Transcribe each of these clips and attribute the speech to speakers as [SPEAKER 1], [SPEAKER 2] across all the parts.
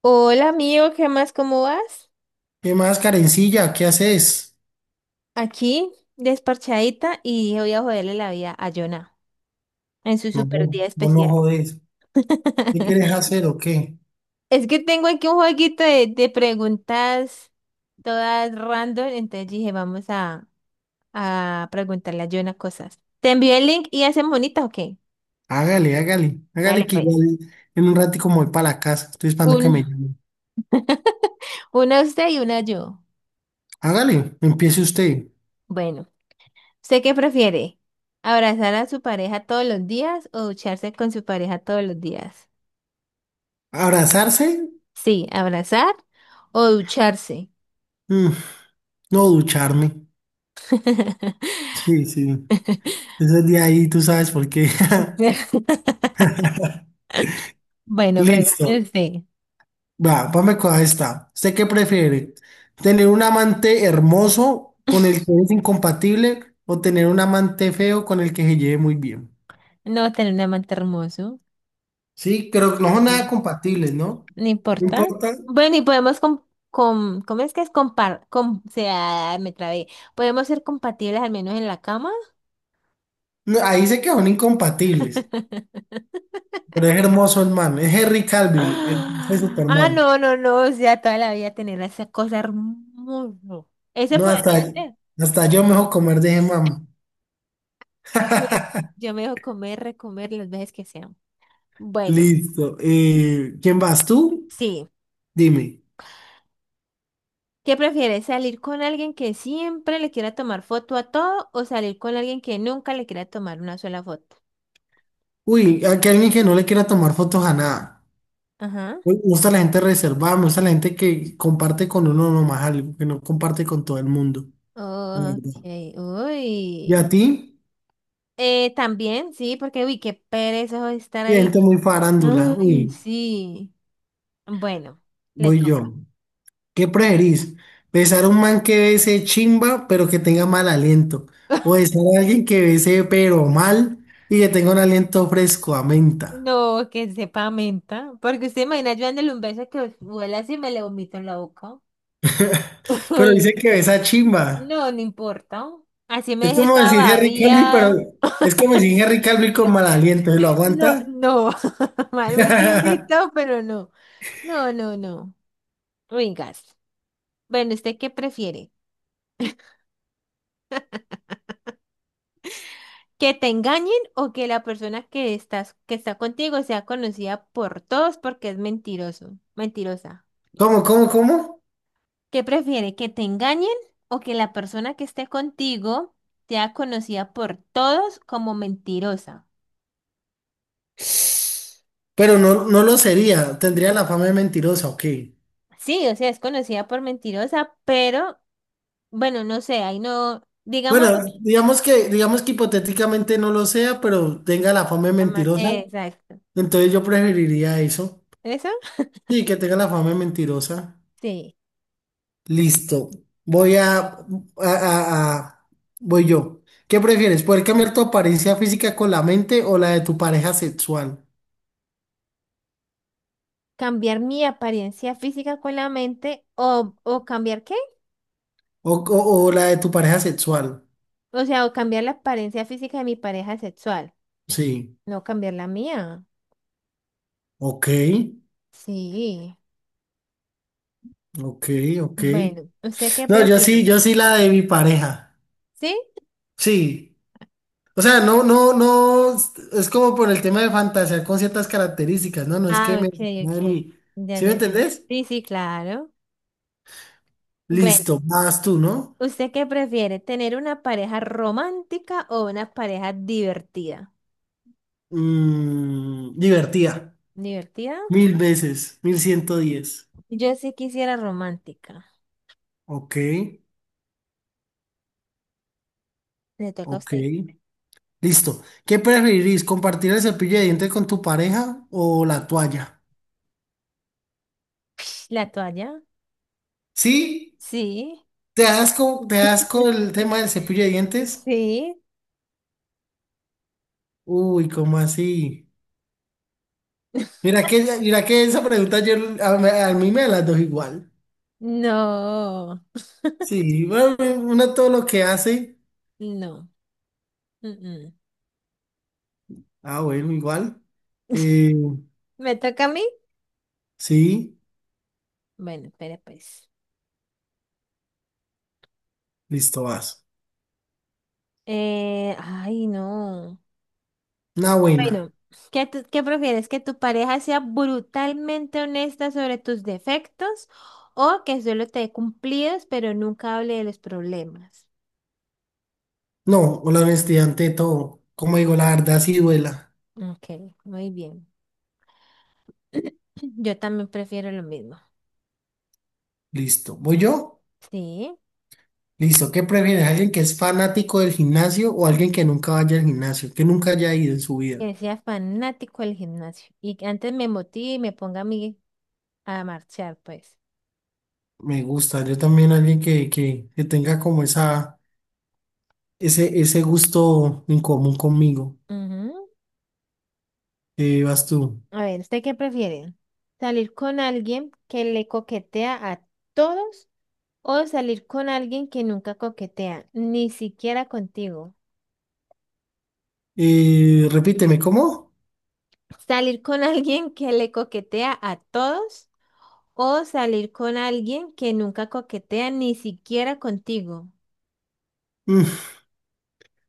[SPEAKER 1] Hola amigo, ¿qué más? ¿Cómo vas?
[SPEAKER 2] ¿Qué más, Karencilla? ¿Qué haces?
[SPEAKER 1] Aquí, desparchadita, y dije, voy a joderle la vida a Jonah en su
[SPEAKER 2] No,
[SPEAKER 1] super
[SPEAKER 2] no,
[SPEAKER 1] día
[SPEAKER 2] vos no
[SPEAKER 1] especial.
[SPEAKER 2] jodés. ¿Qué quieres hacer o qué?
[SPEAKER 1] Es que tengo aquí un jueguito de preguntas todas random, entonces dije, vamos a preguntarle a Jonah cosas. ¿Te envío el link y hacen bonitas, ¿ok?
[SPEAKER 2] Hágale, hágale. Hágale
[SPEAKER 1] Dale
[SPEAKER 2] que
[SPEAKER 1] pues.
[SPEAKER 2] igual en un ratico como voy para la casa. Estoy esperando que
[SPEAKER 1] Un,
[SPEAKER 2] me llame.
[SPEAKER 1] una usted y una yo.
[SPEAKER 2] Hágale, empiece usted.
[SPEAKER 1] Bueno, ¿usted qué prefiere? ¿Abrazar a su pareja todos los días o ducharse con su pareja todos los días?
[SPEAKER 2] ¿Abrazarse?
[SPEAKER 1] Sí, abrazar o ducharse.
[SPEAKER 2] Mm, no ducharme. Sí, sí. Ese día ahí tú sabes por qué.
[SPEAKER 1] Bueno,
[SPEAKER 2] Listo.
[SPEAKER 1] pregúntese.
[SPEAKER 2] Vamos con esta. ¿Usted qué prefiere? ¿Tener un amante hermoso con el que es incompatible o tener un amante feo con el que se lleve muy bien?
[SPEAKER 1] No tener un amante hermoso.
[SPEAKER 2] Sí, creo que no son nada
[SPEAKER 1] Sí.
[SPEAKER 2] compatibles, ¿no?
[SPEAKER 1] No
[SPEAKER 2] No
[SPEAKER 1] importa.
[SPEAKER 2] importa.
[SPEAKER 1] Bueno, y podemos com com- ¿cómo es que es compar com o sea, me trabé. Podemos ser compatibles al menos en la cama.
[SPEAKER 2] No, ahí sé que son incompatibles, pero es hermoso el man. Es Henry Cavill, el de
[SPEAKER 1] Ah,
[SPEAKER 2] Superman.
[SPEAKER 1] no, no, no. O sea, toda la vida tener esa cosa hermosa. Ese
[SPEAKER 2] No,
[SPEAKER 1] podría
[SPEAKER 2] hasta,
[SPEAKER 1] ser.
[SPEAKER 2] hasta yo mejor comer de ese man.
[SPEAKER 1] Uy, yo me dejo comer, recomer las veces que sean. Bueno,
[SPEAKER 2] Listo. ¿Quién vas tú?
[SPEAKER 1] sí.
[SPEAKER 2] Dime.
[SPEAKER 1] ¿Qué prefieres? ¿Salir con alguien que siempre le quiera tomar foto a todo o salir con alguien que nunca le quiera tomar una sola foto?
[SPEAKER 2] Uy, aquí hay alguien que no le quiera tomar fotos a nada.
[SPEAKER 1] Ajá.
[SPEAKER 2] Uy, me gusta la gente reservada, me gusta la gente que comparte con uno nomás algo, que no comparte con todo el mundo. La
[SPEAKER 1] Ok,
[SPEAKER 2] verdad. ¿Y a
[SPEAKER 1] uy.
[SPEAKER 2] ti?
[SPEAKER 1] También, sí, porque uy, qué pereza estar ahí.
[SPEAKER 2] Gente muy farándula.
[SPEAKER 1] Ay,
[SPEAKER 2] Uy,
[SPEAKER 1] sí. Bueno, le
[SPEAKER 2] voy
[SPEAKER 1] toca.
[SPEAKER 2] yo. ¿Qué preferís? ¿Besar a un man que bese chimba pero que tenga mal aliento? ¿O besar a alguien que bese pero mal y que tenga un aliento fresco a menta?
[SPEAKER 1] No, que sepa menta. Porque usted imagina yo dándole un beso que vuela así y me le vomito en la boca.
[SPEAKER 2] Pero
[SPEAKER 1] Uy,
[SPEAKER 2] dice que
[SPEAKER 1] sí.
[SPEAKER 2] besa chimba.
[SPEAKER 1] No, no importa. Así me
[SPEAKER 2] Es
[SPEAKER 1] dejé
[SPEAKER 2] como decir
[SPEAKER 1] toda
[SPEAKER 2] Henry Calvi, pero
[SPEAKER 1] babiada.
[SPEAKER 2] es como decir Henry Calvi con mal aliento. ¿Se lo
[SPEAKER 1] No,
[SPEAKER 2] aguanta?
[SPEAKER 1] no. Marvin le invitó, pero no. No, no, no. Ringas. Bueno, ¿usted qué prefiere? ¿Que te engañen o que la persona que estás, que está contigo sea conocida por todos porque es mentiroso, mentirosa?
[SPEAKER 2] ¿Cómo, cómo, cómo?
[SPEAKER 1] ¿Qué prefiere? ¿Que te engañen o que la persona que esté contigo sea conocida por todos como mentirosa?
[SPEAKER 2] Pero no, no lo sería. Tendría la fama de mentirosa, ok.
[SPEAKER 1] Sí, o sea, es conocida por mentirosa, pero bueno, no sé, ahí no, digámoslo.
[SPEAKER 2] Bueno, digamos que hipotéticamente no lo sea, pero tenga la fama de mentirosa.
[SPEAKER 1] Exacto.
[SPEAKER 2] Entonces yo preferiría eso.
[SPEAKER 1] ¿Eso?
[SPEAKER 2] Sí, que tenga la fama de mentirosa.
[SPEAKER 1] Sí,
[SPEAKER 2] Listo. Voy a- Voy yo. ¿Qué prefieres? ¿Poder cambiar tu apariencia física con la mente o la de tu pareja sexual?
[SPEAKER 1] cambiar mi apariencia física con la mente o cambiar qué?
[SPEAKER 2] O la de tu pareja sexual.
[SPEAKER 1] O sea, o cambiar la apariencia física de mi pareja sexual,
[SPEAKER 2] Sí.
[SPEAKER 1] no cambiar la mía.
[SPEAKER 2] Ok,
[SPEAKER 1] Sí,
[SPEAKER 2] ok, ok.
[SPEAKER 1] bueno, ¿usted qué
[SPEAKER 2] No, yo sí,
[SPEAKER 1] prefiere?
[SPEAKER 2] yo sí la de mi pareja.
[SPEAKER 1] ¿Sí?
[SPEAKER 2] Sí. O sea, no, no, no. Es como por el tema de fantasear con ciertas características, ¿no? No es que
[SPEAKER 1] Ah,
[SPEAKER 2] me...
[SPEAKER 1] ok, ok.
[SPEAKER 2] me- mi-
[SPEAKER 1] Ya,
[SPEAKER 2] ¿Sí me
[SPEAKER 1] ya, ya.
[SPEAKER 2] entendés?
[SPEAKER 1] Sí, sí, claro. Bueno,
[SPEAKER 2] Listo, vas tú, ¿no?
[SPEAKER 1] ¿usted qué prefiere? ¿Tener una pareja romántica o una pareja divertida?
[SPEAKER 2] Divertida.
[SPEAKER 1] ¿Divertida?
[SPEAKER 2] 1000 veces. 1110.
[SPEAKER 1] Yo sí quisiera romántica.
[SPEAKER 2] Ok,
[SPEAKER 1] Le toca a
[SPEAKER 2] ok.
[SPEAKER 1] usted.
[SPEAKER 2] Listo. ¿Qué preferirís? ¿Compartir el cepillo de dientes con tu pareja o la toalla?
[SPEAKER 1] ¿La toalla?
[SPEAKER 2] ¿Sí?
[SPEAKER 1] Sí.
[SPEAKER 2] ¿Te das con el tema del cepillo de dientes?
[SPEAKER 1] Sí,
[SPEAKER 2] Uy, ¿cómo así? Mira que esa pregunta yo, a mí me las dos igual.
[SPEAKER 1] no,
[SPEAKER 2] Sí, bueno, uno todo lo que hace.
[SPEAKER 1] no. Mm, mm.
[SPEAKER 2] Ah, bueno, igual. Eh,
[SPEAKER 1] ¿Me toca a mí?
[SPEAKER 2] sí,
[SPEAKER 1] Bueno, espera pues.
[SPEAKER 2] listo, vas.
[SPEAKER 1] Ay, no.
[SPEAKER 2] Una buena.
[SPEAKER 1] Bueno, ¿qué prefieres? ¿Que tu pareja sea brutalmente honesta sobre tus defectos o que solo te dé cumplidos pero nunca hable de los problemas?
[SPEAKER 2] No, la honestidad ante todo. Como digo, la verdad sí duela.
[SPEAKER 1] Ok, muy bien. Yo también prefiero lo mismo.
[SPEAKER 2] Listo. ¿Voy yo?
[SPEAKER 1] Sí,
[SPEAKER 2] Listo. ¿Qué prefieres? ¿Alguien que es fanático del gimnasio o alguien que nunca vaya al gimnasio? Que nunca haya ido en su vida.
[SPEAKER 1] que sea fanático del gimnasio y que antes me motive y me ponga a mí a marchar, pues.
[SPEAKER 2] Me gusta. Yo también alguien que tenga como ese gusto en común conmigo. Vas tú.
[SPEAKER 1] A ver, ¿usted qué prefiere? ¿Salir con alguien que le coquetea a todos o salir con alguien que nunca coquetea, ni siquiera contigo?
[SPEAKER 2] Repíteme, ¿cómo?
[SPEAKER 1] ¿Salir con alguien que le coquetea a todos o salir con alguien que nunca coquetea, ni siquiera contigo?
[SPEAKER 2] Mm,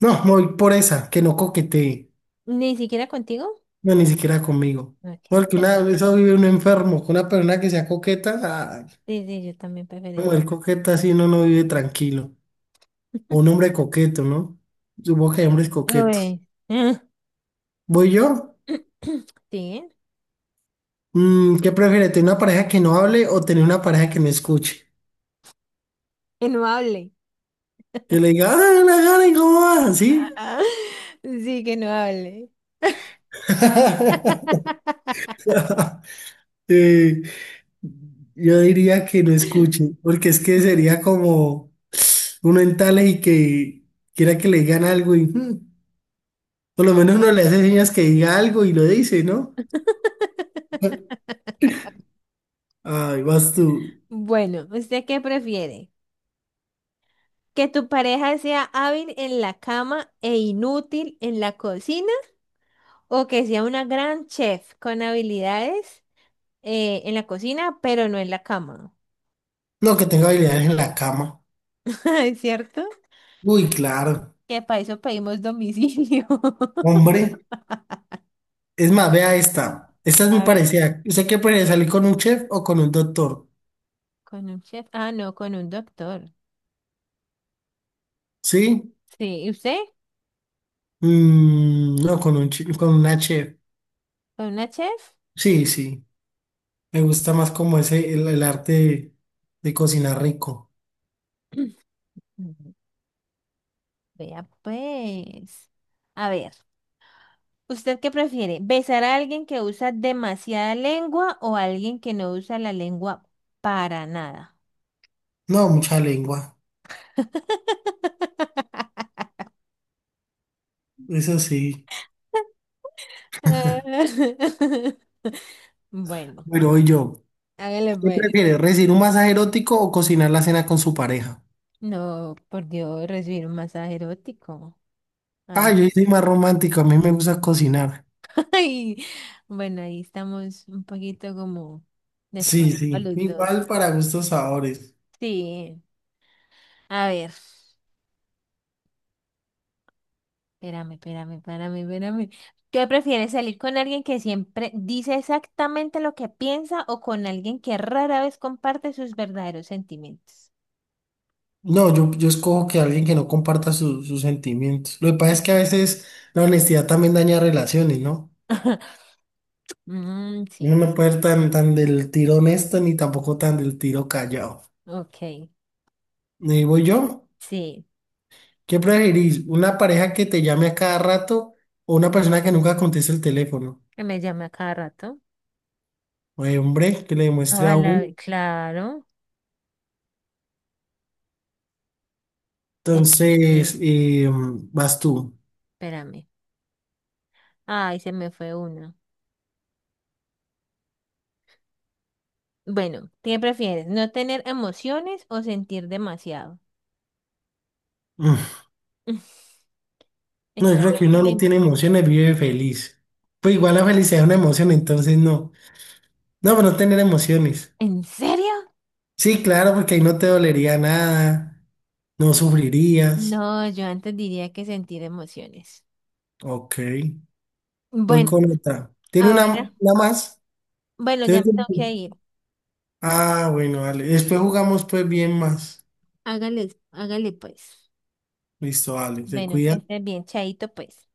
[SPEAKER 2] no, me voy por esa, que no coquetee.
[SPEAKER 1] ¿Ni siquiera contigo?
[SPEAKER 2] No, ni siquiera conmigo.
[SPEAKER 1] Ok,
[SPEAKER 2] Porque
[SPEAKER 1] pero-
[SPEAKER 2] una vez vive un enfermo, con una persona que sea coqueta, ah,
[SPEAKER 1] sí, sí, yo también preferiría.
[SPEAKER 2] mujer coqueta así uno no vive tranquilo. O un hombre coqueto, ¿no? Supongo que hay hombres coquetos.
[SPEAKER 1] Uy.
[SPEAKER 2] ¿Voy yo?
[SPEAKER 1] Sí,
[SPEAKER 2] ¿Qué prefieres? ¿Tener una pareja que no hable o tener una pareja que no escuche?
[SPEAKER 1] que no hable.
[SPEAKER 2] Que le diga, ah la gana, ¿y cómo vas? ¿Sí?
[SPEAKER 1] Sí, que no hable.
[SPEAKER 2] Eh, yo diría que no escuche, porque es que sería como uno en tales y que quiera que le digan algo y por lo menos uno le hace señas que diga algo y lo dice, ¿no? Ay, vas tú.
[SPEAKER 1] Bueno, ¿usted qué prefiere? ¿Que tu pareja sea hábil en la cama e inútil en la cocina? ¿O que sea una gran chef con habilidades en la cocina, pero no en la cama?
[SPEAKER 2] No, que tengo habilidades en la cama.
[SPEAKER 1] ¿Es cierto?
[SPEAKER 2] Uy, claro.
[SPEAKER 1] Que para eso pedimos domicilio.
[SPEAKER 2] Hombre, es más, vea esta. Esta es muy
[SPEAKER 1] A ver,
[SPEAKER 2] parecida. ¿Usted qué prefiere salir con un chef o con un doctor?
[SPEAKER 1] ¿con un chef? Ah, no, con un doctor.
[SPEAKER 2] ¿Sí?
[SPEAKER 1] Sí, ¿y usted?
[SPEAKER 2] No, con una chef.
[SPEAKER 1] ¿Con una chef?
[SPEAKER 2] Sí, sí. Me gusta más como el arte de cocinar rico.
[SPEAKER 1] Ujú. Vea pues. A ver. ¿Usted qué prefiere? ¿Besar a alguien que usa demasiada lengua o a alguien que no usa la lengua para nada?
[SPEAKER 2] No, mucha lengua. Eso sí.
[SPEAKER 1] Bueno,
[SPEAKER 2] Bueno, y yo.
[SPEAKER 1] hágale
[SPEAKER 2] ¿Qué
[SPEAKER 1] pues.
[SPEAKER 2] prefiere, recibir un masaje erótico o cocinar la cena con su pareja?
[SPEAKER 1] No, por Dios, recibir un masaje erótico. Ay,
[SPEAKER 2] Ah, yo soy más romántico. A mí me gusta cocinar.
[SPEAKER 1] ay, bueno, ahí estamos un poquito como
[SPEAKER 2] Sí,
[SPEAKER 1] descuadrados
[SPEAKER 2] sí.
[SPEAKER 1] los dos.
[SPEAKER 2] Igual para gustos, sabores.
[SPEAKER 1] Sí, a ver. Espérame, espérame, espérame, espérame. ¿Qué prefieres, salir con alguien que siempre dice exactamente lo que piensa o con alguien que rara vez comparte sus verdaderos sentimientos?
[SPEAKER 2] No, yo escojo que alguien que no comparta sus sentimientos. Lo que pasa es
[SPEAKER 1] Sí.
[SPEAKER 2] que a veces la honestidad también daña relaciones, ¿no?
[SPEAKER 1] Mm,
[SPEAKER 2] Uno
[SPEAKER 1] sí,
[SPEAKER 2] no puede ser tan, tan del tiro honesto ni tampoco tan del tiro callado.
[SPEAKER 1] ok,
[SPEAKER 2] Y voy yo,
[SPEAKER 1] sí,
[SPEAKER 2] ¿qué preferís? ¿Una pareja que te llame a cada rato o una persona que nunca conteste el teléfono?
[SPEAKER 1] que me llame a cada rato.
[SPEAKER 2] Ay, hombre, que le demuestre a uno.
[SPEAKER 1] Ojalá, claro. Eh, eh,
[SPEAKER 2] Entonces, vas tú.
[SPEAKER 1] espérame. Ay, se me fue una. Bueno, ¿qué prefieres? ¿No tener emociones o sentir demasiado?
[SPEAKER 2] Mm, No, yo
[SPEAKER 1] Esta
[SPEAKER 2] creo que uno
[SPEAKER 1] última y
[SPEAKER 2] no tiene
[SPEAKER 1] me-
[SPEAKER 2] emociones, vive feliz. Pues igual la felicidad es una emoción, entonces no. No, pero no tener emociones.
[SPEAKER 1] ¿En serio?
[SPEAKER 2] Sí, claro, porque ahí no te dolería nada, no sufrirías.
[SPEAKER 1] No, yo antes diría que sentir emociones.
[SPEAKER 2] Ok, voy
[SPEAKER 1] Bueno,
[SPEAKER 2] con otra. ¿Tiene una,
[SPEAKER 1] ahora,
[SPEAKER 2] una más?
[SPEAKER 1] bueno, ya
[SPEAKER 2] ¿Tiene
[SPEAKER 1] me tengo
[SPEAKER 2] tiempo?
[SPEAKER 1] que ir.
[SPEAKER 2] Ah, bueno, vale. Después jugamos pues bien más.
[SPEAKER 1] Hágale, hágale pues.
[SPEAKER 2] Listo, vale, te
[SPEAKER 1] Bueno, que
[SPEAKER 2] cuida.
[SPEAKER 1] estés bien, chaito pues.